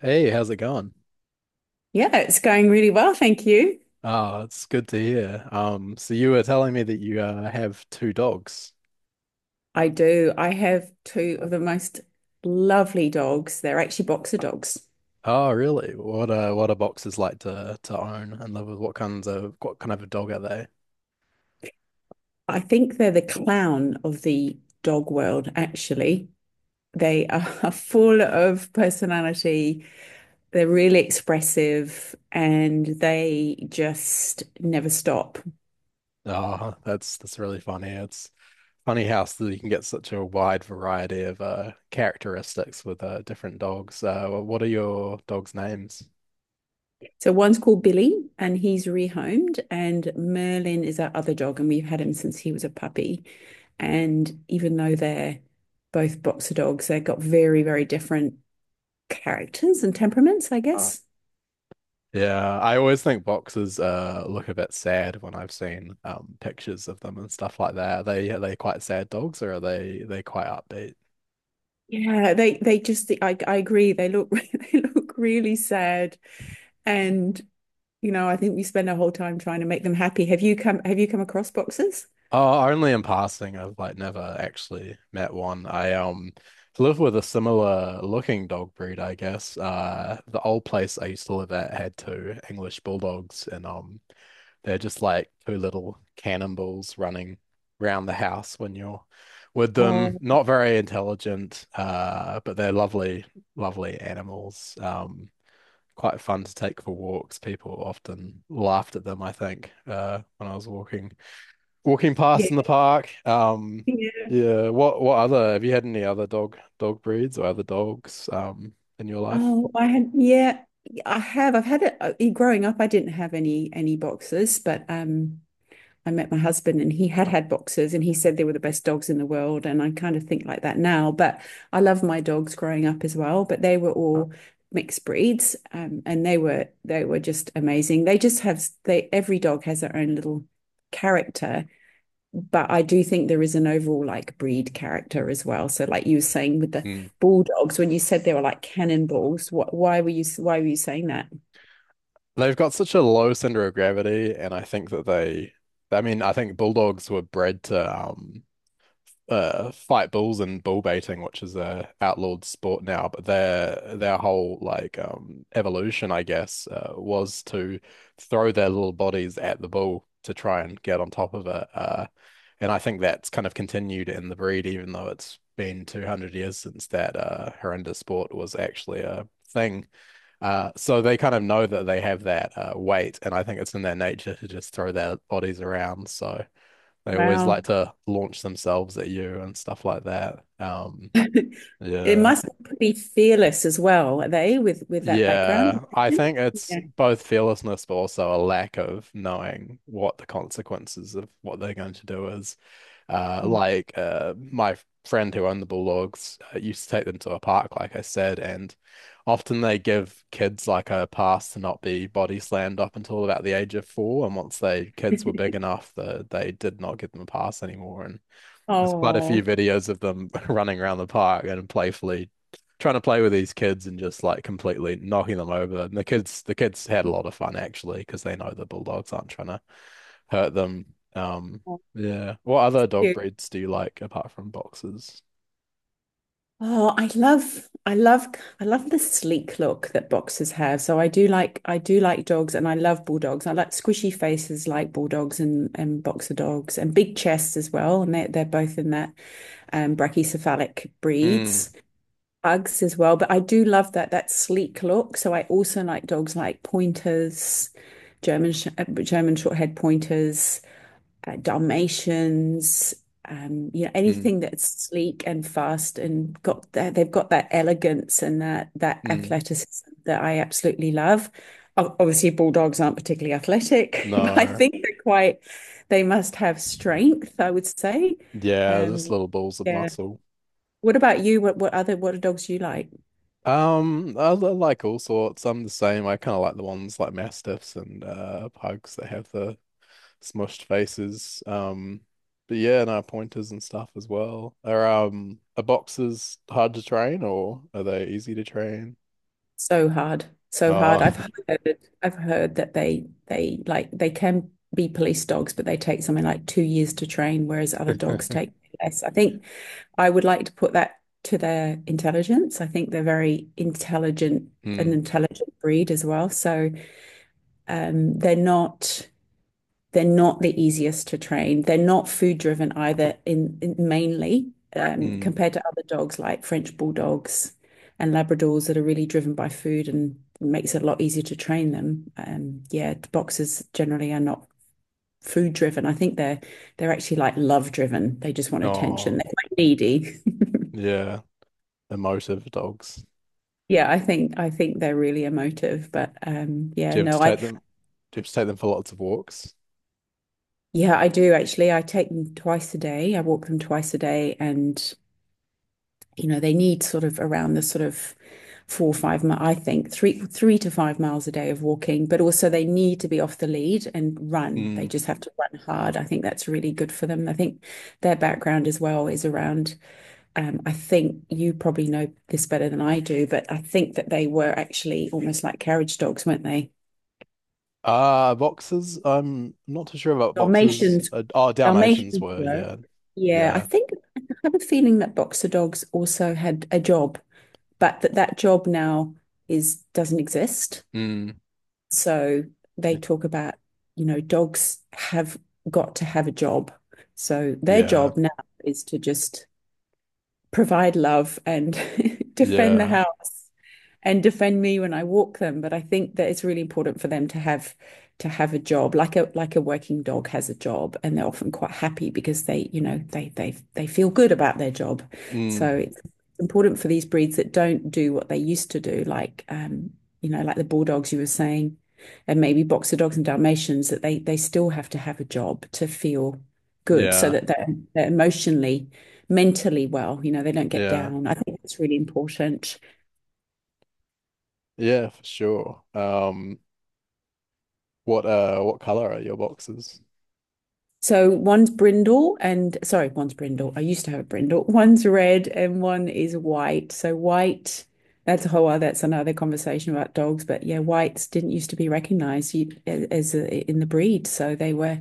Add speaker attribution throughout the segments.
Speaker 1: Hey, how's it going?
Speaker 2: Yeah, it's going really well, thank you.
Speaker 1: Oh, it's good to hear. So you were telling me that you have two dogs.
Speaker 2: I do. I have two of the most lovely dogs. They're actually boxer dogs.
Speaker 1: Oh, really? What are boxes like to own and live with? What kind of a dog are they?
Speaker 2: I think they're the clown of the dog world, actually. They are full of personality. They're really expressive and they just never stop.
Speaker 1: Oh, that's really funny. It's funny how you can get such a wide variety of characteristics with different dogs. What are your dogs' names?
Speaker 2: So one's called Billy and he's rehomed, and Merlin is our other dog, and we've had him since he was a puppy. And even though they're both boxer dogs, they've got very, very different characters and temperaments, I guess. Oh.
Speaker 1: Yeah, I always think boxers look a bit sad when I've seen pictures of them and stuff like that. Are they quite sad dogs or are they quite upbeat?
Speaker 2: Yeah, they just I agree. They look they look really sad and you know, I think we spend our whole time trying to make them happy. Have you come across boxers?
Speaker 1: Oh, only in passing. I've like never actually met one. I live with a similar looking dog breed, I guess. The old place I used to live at had two English bulldogs and they're just like two little cannonballs running around the house when you're with them.
Speaker 2: Oh,
Speaker 1: Not very intelligent, but they're lovely, lovely animals. Quite fun to take for walks. People often laughed at them, I think, when I was walking past
Speaker 2: yeah.
Speaker 1: in the park.
Speaker 2: Yeah.
Speaker 1: Yeah. What other Have you had any other dog breeds or other dogs in your life?
Speaker 2: Oh, I had yeah, I have. I've had it Growing up I didn't have any boxers, but I met my husband and he had had boxers and he said they were the best dogs in the world. And I kind of think like that now. But I love my dogs growing up as well. But they were all mixed breeds and they were just amazing. They just have they every dog has their own little character, but I do think there is an overall like breed character as well. So like you were saying with the
Speaker 1: Hmm.
Speaker 2: bulldogs, when you said they were like cannonballs, what why were you saying that?
Speaker 1: They've got such a low center of gravity, and I think that they, I mean, I think bulldogs were bred to fight bulls and bull baiting, which is a outlawed sport now, but their whole like evolution, I guess, was to throw their little bodies at the bull to try and get on top of it. And I think that's kind of continued in the breed, even though it's been 200 years since that horrendous sport was actually a thing. So they kind of know that they have that weight, and I think it's in their nature to just throw their bodies around. So they always
Speaker 2: Wow.
Speaker 1: like to launch themselves at you and stuff like that.
Speaker 2: It
Speaker 1: Yeah.
Speaker 2: must be pretty fearless as well, are they, with that background?
Speaker 1: Yeah. I think it's
Speaker 2: Yeah.
Speaker 1: both fearlessness, but also a lack of knowing what the consequences of what they're going to do is. My friend who owned the bulldogs used to take them to a park, like I said, and often they give kids like a pass to not be body slammed up until about the age of four. And once they kids were big enough, the, they did not give them a pass anymore. And there's quite a few
Speaker 2: Oh,
Speaker 1: videos of them running around the park and playfully trying to play with these kids and just like completely knocking them over. And the kids had a lot of fun actually because they know the bulldogs aren't trying to hurt them. Um, yeah. What other dog
Speaker 2: cute.
Speaker 1: breeds do you like apart from boxers?
Speaker 2: Oh, I love the sleek look that boxers have. So I do like dogs, and I love bulldogs. I like squishy faces, like bulldogs and boxer dogs, and big chests as well. And they're both in that brachycephalic
Speaker 1: Mm,
Speaker 2: breeds, pugs as well. But I do love that sleek look. So I also like dogs like pointers, German short-haired pointers, Dalmatians, you know,
Speaker 1: mm,
Speaker 2: anything that's sleek and fast and got that they've got that elegance and that
Speaker 1: mm.
Speaker 2: athleticism that I absolutely love. Obviously, bulldogs aren't particularly athletic, but I
Speaker 1: No.
Speaker 2: think they're quite they must have strength, I would say.
Speaker 1: Yeah, just
Speaker 2: Um,
Speaker 1: little balls of
Speaker 2: yeah.
Speaker 1: muscle.
Speaker 2: What about you? What other what are dogs you like?
Speaker 1: I like all sorts. I'm the same. I kind of like the ones like mastiffs and pugs that have the smushed faces. But yeah, no pointers and stuff as well. Are boxes hard to train or are they easy to train?
Speaker 2: So hard, so hard.
Speaker 1: Oh,
Speaker 2: I've heard that they can be police dogs, but they take something like 2 years to train, whereas other dogs take less. I think I would like to put that to their intelligence. I think they're very intelligent, an
Speaker 1: mm,
Speaker 2: intelligent breed as well. So they're not. They're not the easiest to train. They're not food driven either, in- mainly
Speaker 1: mm,
Speaker 2: compared to other dogs like French bulldogs and Labradors that are really driven by food and makes it a lot easier to train them. Yeah, the boxers generally are not food driven. I think they're actually like love driven. They just want attention.
Speaker 1: oh,
Speaker 2: They're quite needy.
Speaker 1: yeah, emotive dogs.
Speaker 2: Yeah, I think they're really emotive, but yeah,
Speaker 1: Do you have to
Speaker 2: no, I
Speaker 1: take them? Do you have to take them for lots of walks?
Speaker 2: yeah, I do actually. I take them twice a day. I walk them twice a day and you know, they need sort of around the sort of four, or five, I think three, 3 to 5 miles a day of walking, but also they need to be off the lead and run.
Speaker 1: Mm.
Speaker 2: They just have to run hard. I think that's really good for them. I think their background as well is around, I think you probably know this better than I do, but I think that they were actually almost like carriage dogs, weren't they?
Speaker 1: Ah, boxes. I'm not too sure about boxes.
Speaker 2: Dalmatians,
Speaker 1: Oh, Dalmatians
Speaker 2: Dalmatians
Speaker 1: were,
Speaker 2: were.
Speaker 1: yeah,
Speaker 2: Yeah, I
Speaker 1: yeah,
Speaker 2: think I have a feeling that boxer dogs also had a job, but that job now is doesn't exist.
Speaker 1: mm,
Speaker 2: So they talk about, you know, dogs have got to have a job. So their
Speaker 1: yeah,
Speaker 2: job now is to just provide love and defend the
Speaker 1: yeah,
Speaker 2: house and defend me when I walk them. But I think that it's really important for them to have a job, like a working dog has a job, and they're often quite happy because they, you know, they feel good about their job. So
Speaker 1: mm,
Speaker 2: it's important for these breeds that don't do what they used to do, like you know, like the bulldogs you were saying, and maybe boxer dogs and Dalmatians, that they still have to have a job to feel good so
Speaker 1: yeah,
Speaker 2: that they're emotionally mentally well. You know, they don't get
Speaker 1: yeah.
Speaker 2: down. I think that's really important.
Speaker 1: Yeah, for sure. What color are your boxes?
Speaker 2: So one's brindle. I used to have a brindle. One's red and one is white. So white, that's a whole other, that's another conversation about dogs. But yeah, whites didn't used to be recognized as a, in the breed, so they were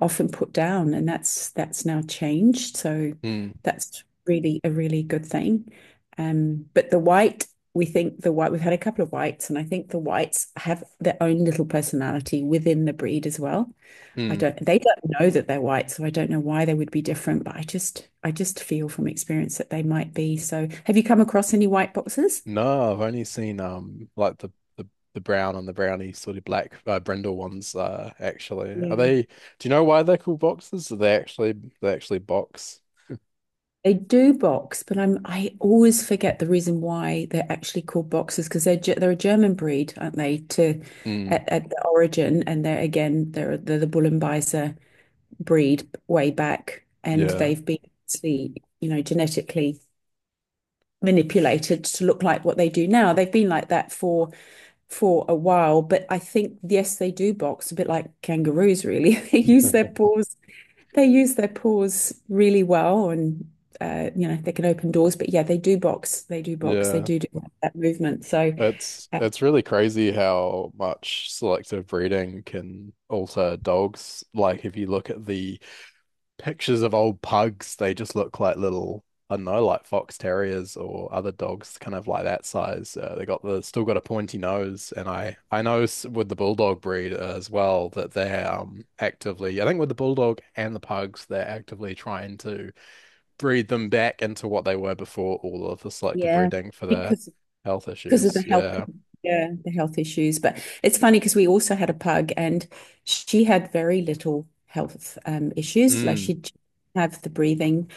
Speaker 2: often put down, and that's now changed. So
Speaker 1: Hmm.
Speaker 2: that's really a really good thing. But the white, we think the white, we've had a couple of whites, and I think the whites have their own little personality within the breed as well. I
Speaker 1: Hmm.
Speaker 2: don't, they don't know that they're white, so I don't know why they would be different, but I just feel from experience that they might be. So, have you come across any white boxes?
Speaker 1: No, I've only seen like the, the brown and the brownie sort of black brindle ones actually. Are
Speaker 2: Yeah.
Speaker 1: they do you know why they're called boxes? Do they actually, they actually box?
Speaker 2: They do box, but I always forget the reason why they're actually called boxers because they're a German breed, aren't they,
Speaker 1: Mm,
Speaker 2: at the origin. And they're the Bull breed way back, and
Speaker 1: yeah.
Speaker 2: they've been, you know, genetically manipulated to look like what they do now. They've been like that for a while, but I think yes, they do box a bit like kangaroos, really. They use their paws. They use their paws really well, and you know they can open doors. But yeah, they do box. They do box. They
Speaker 1: Yeah.
Speaker 2: do do that movement. So uh,
Speaker 1: It's really crazy how much selective breeding can alter dogs. Like if you look at the pictures of old pugs, they just look like little, I don't know, like fox terriers or other dogs, kind of like that size. They got the still got a pointy nose, and I know with the bulldog breed as well that they're actively, I think with the bulldog and the pugs, they're actively trying to breed them back into what they were before all of the selective
Speaker 2: yeah,
Speaker 1: breeding for their
Speaker 2: because
Speaker 1: health
Speaker 2: because of
Speaker 1: issues.
Speaker 2: the health.
Speaker 1: Yeah.
Speaker 2: Yeah, the health issues. But it's funny because we also had a pug and she had very little health issues. Like
Speaker 1: Mm,
Speaker 2: she'd have the breathing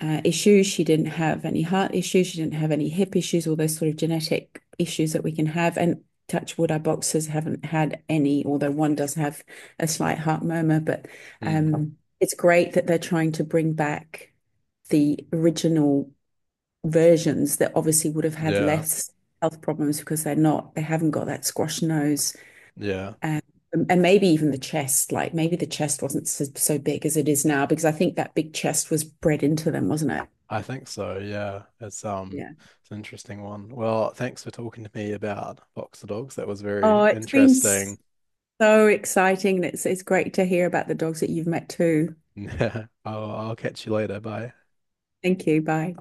Speaker 2: issues. She didn't have any heart issues. She didn't have any hip issues, all those sort of genetic issues that we can have. And touch wood, our boxers haven't had any, although one does have a slight heart murmur. But
Speaker 1: mm,
Speaker 2: it's great that they're trying to bring back the original versions that obviously would have had
Speaker 1: yeah.
Speaker 2: less health problems because they haven't got that squash nose.
Speaker 1: Yeah.
Speaker 2: Um, and maybe even the chest, like maybe the chest wasn't so big as it is now, because I think that big chest was bred into them, wasn't it?
Speaker 1: I think so, yeah. It's
Speaker 2: Yeah.
Speaker 1: it's an interesting one. Well, thanks for talking to me about boxer dogs. That was very
Speaker 2: Oh, it's been
Speaker 1: interesting.
Speaker 2: so exciting. And it's great to hear about the dogs that you've met too.
Speaker 1: Yeah. I'll catch you later. Bye.
Speaker 2: Thank you. Bye.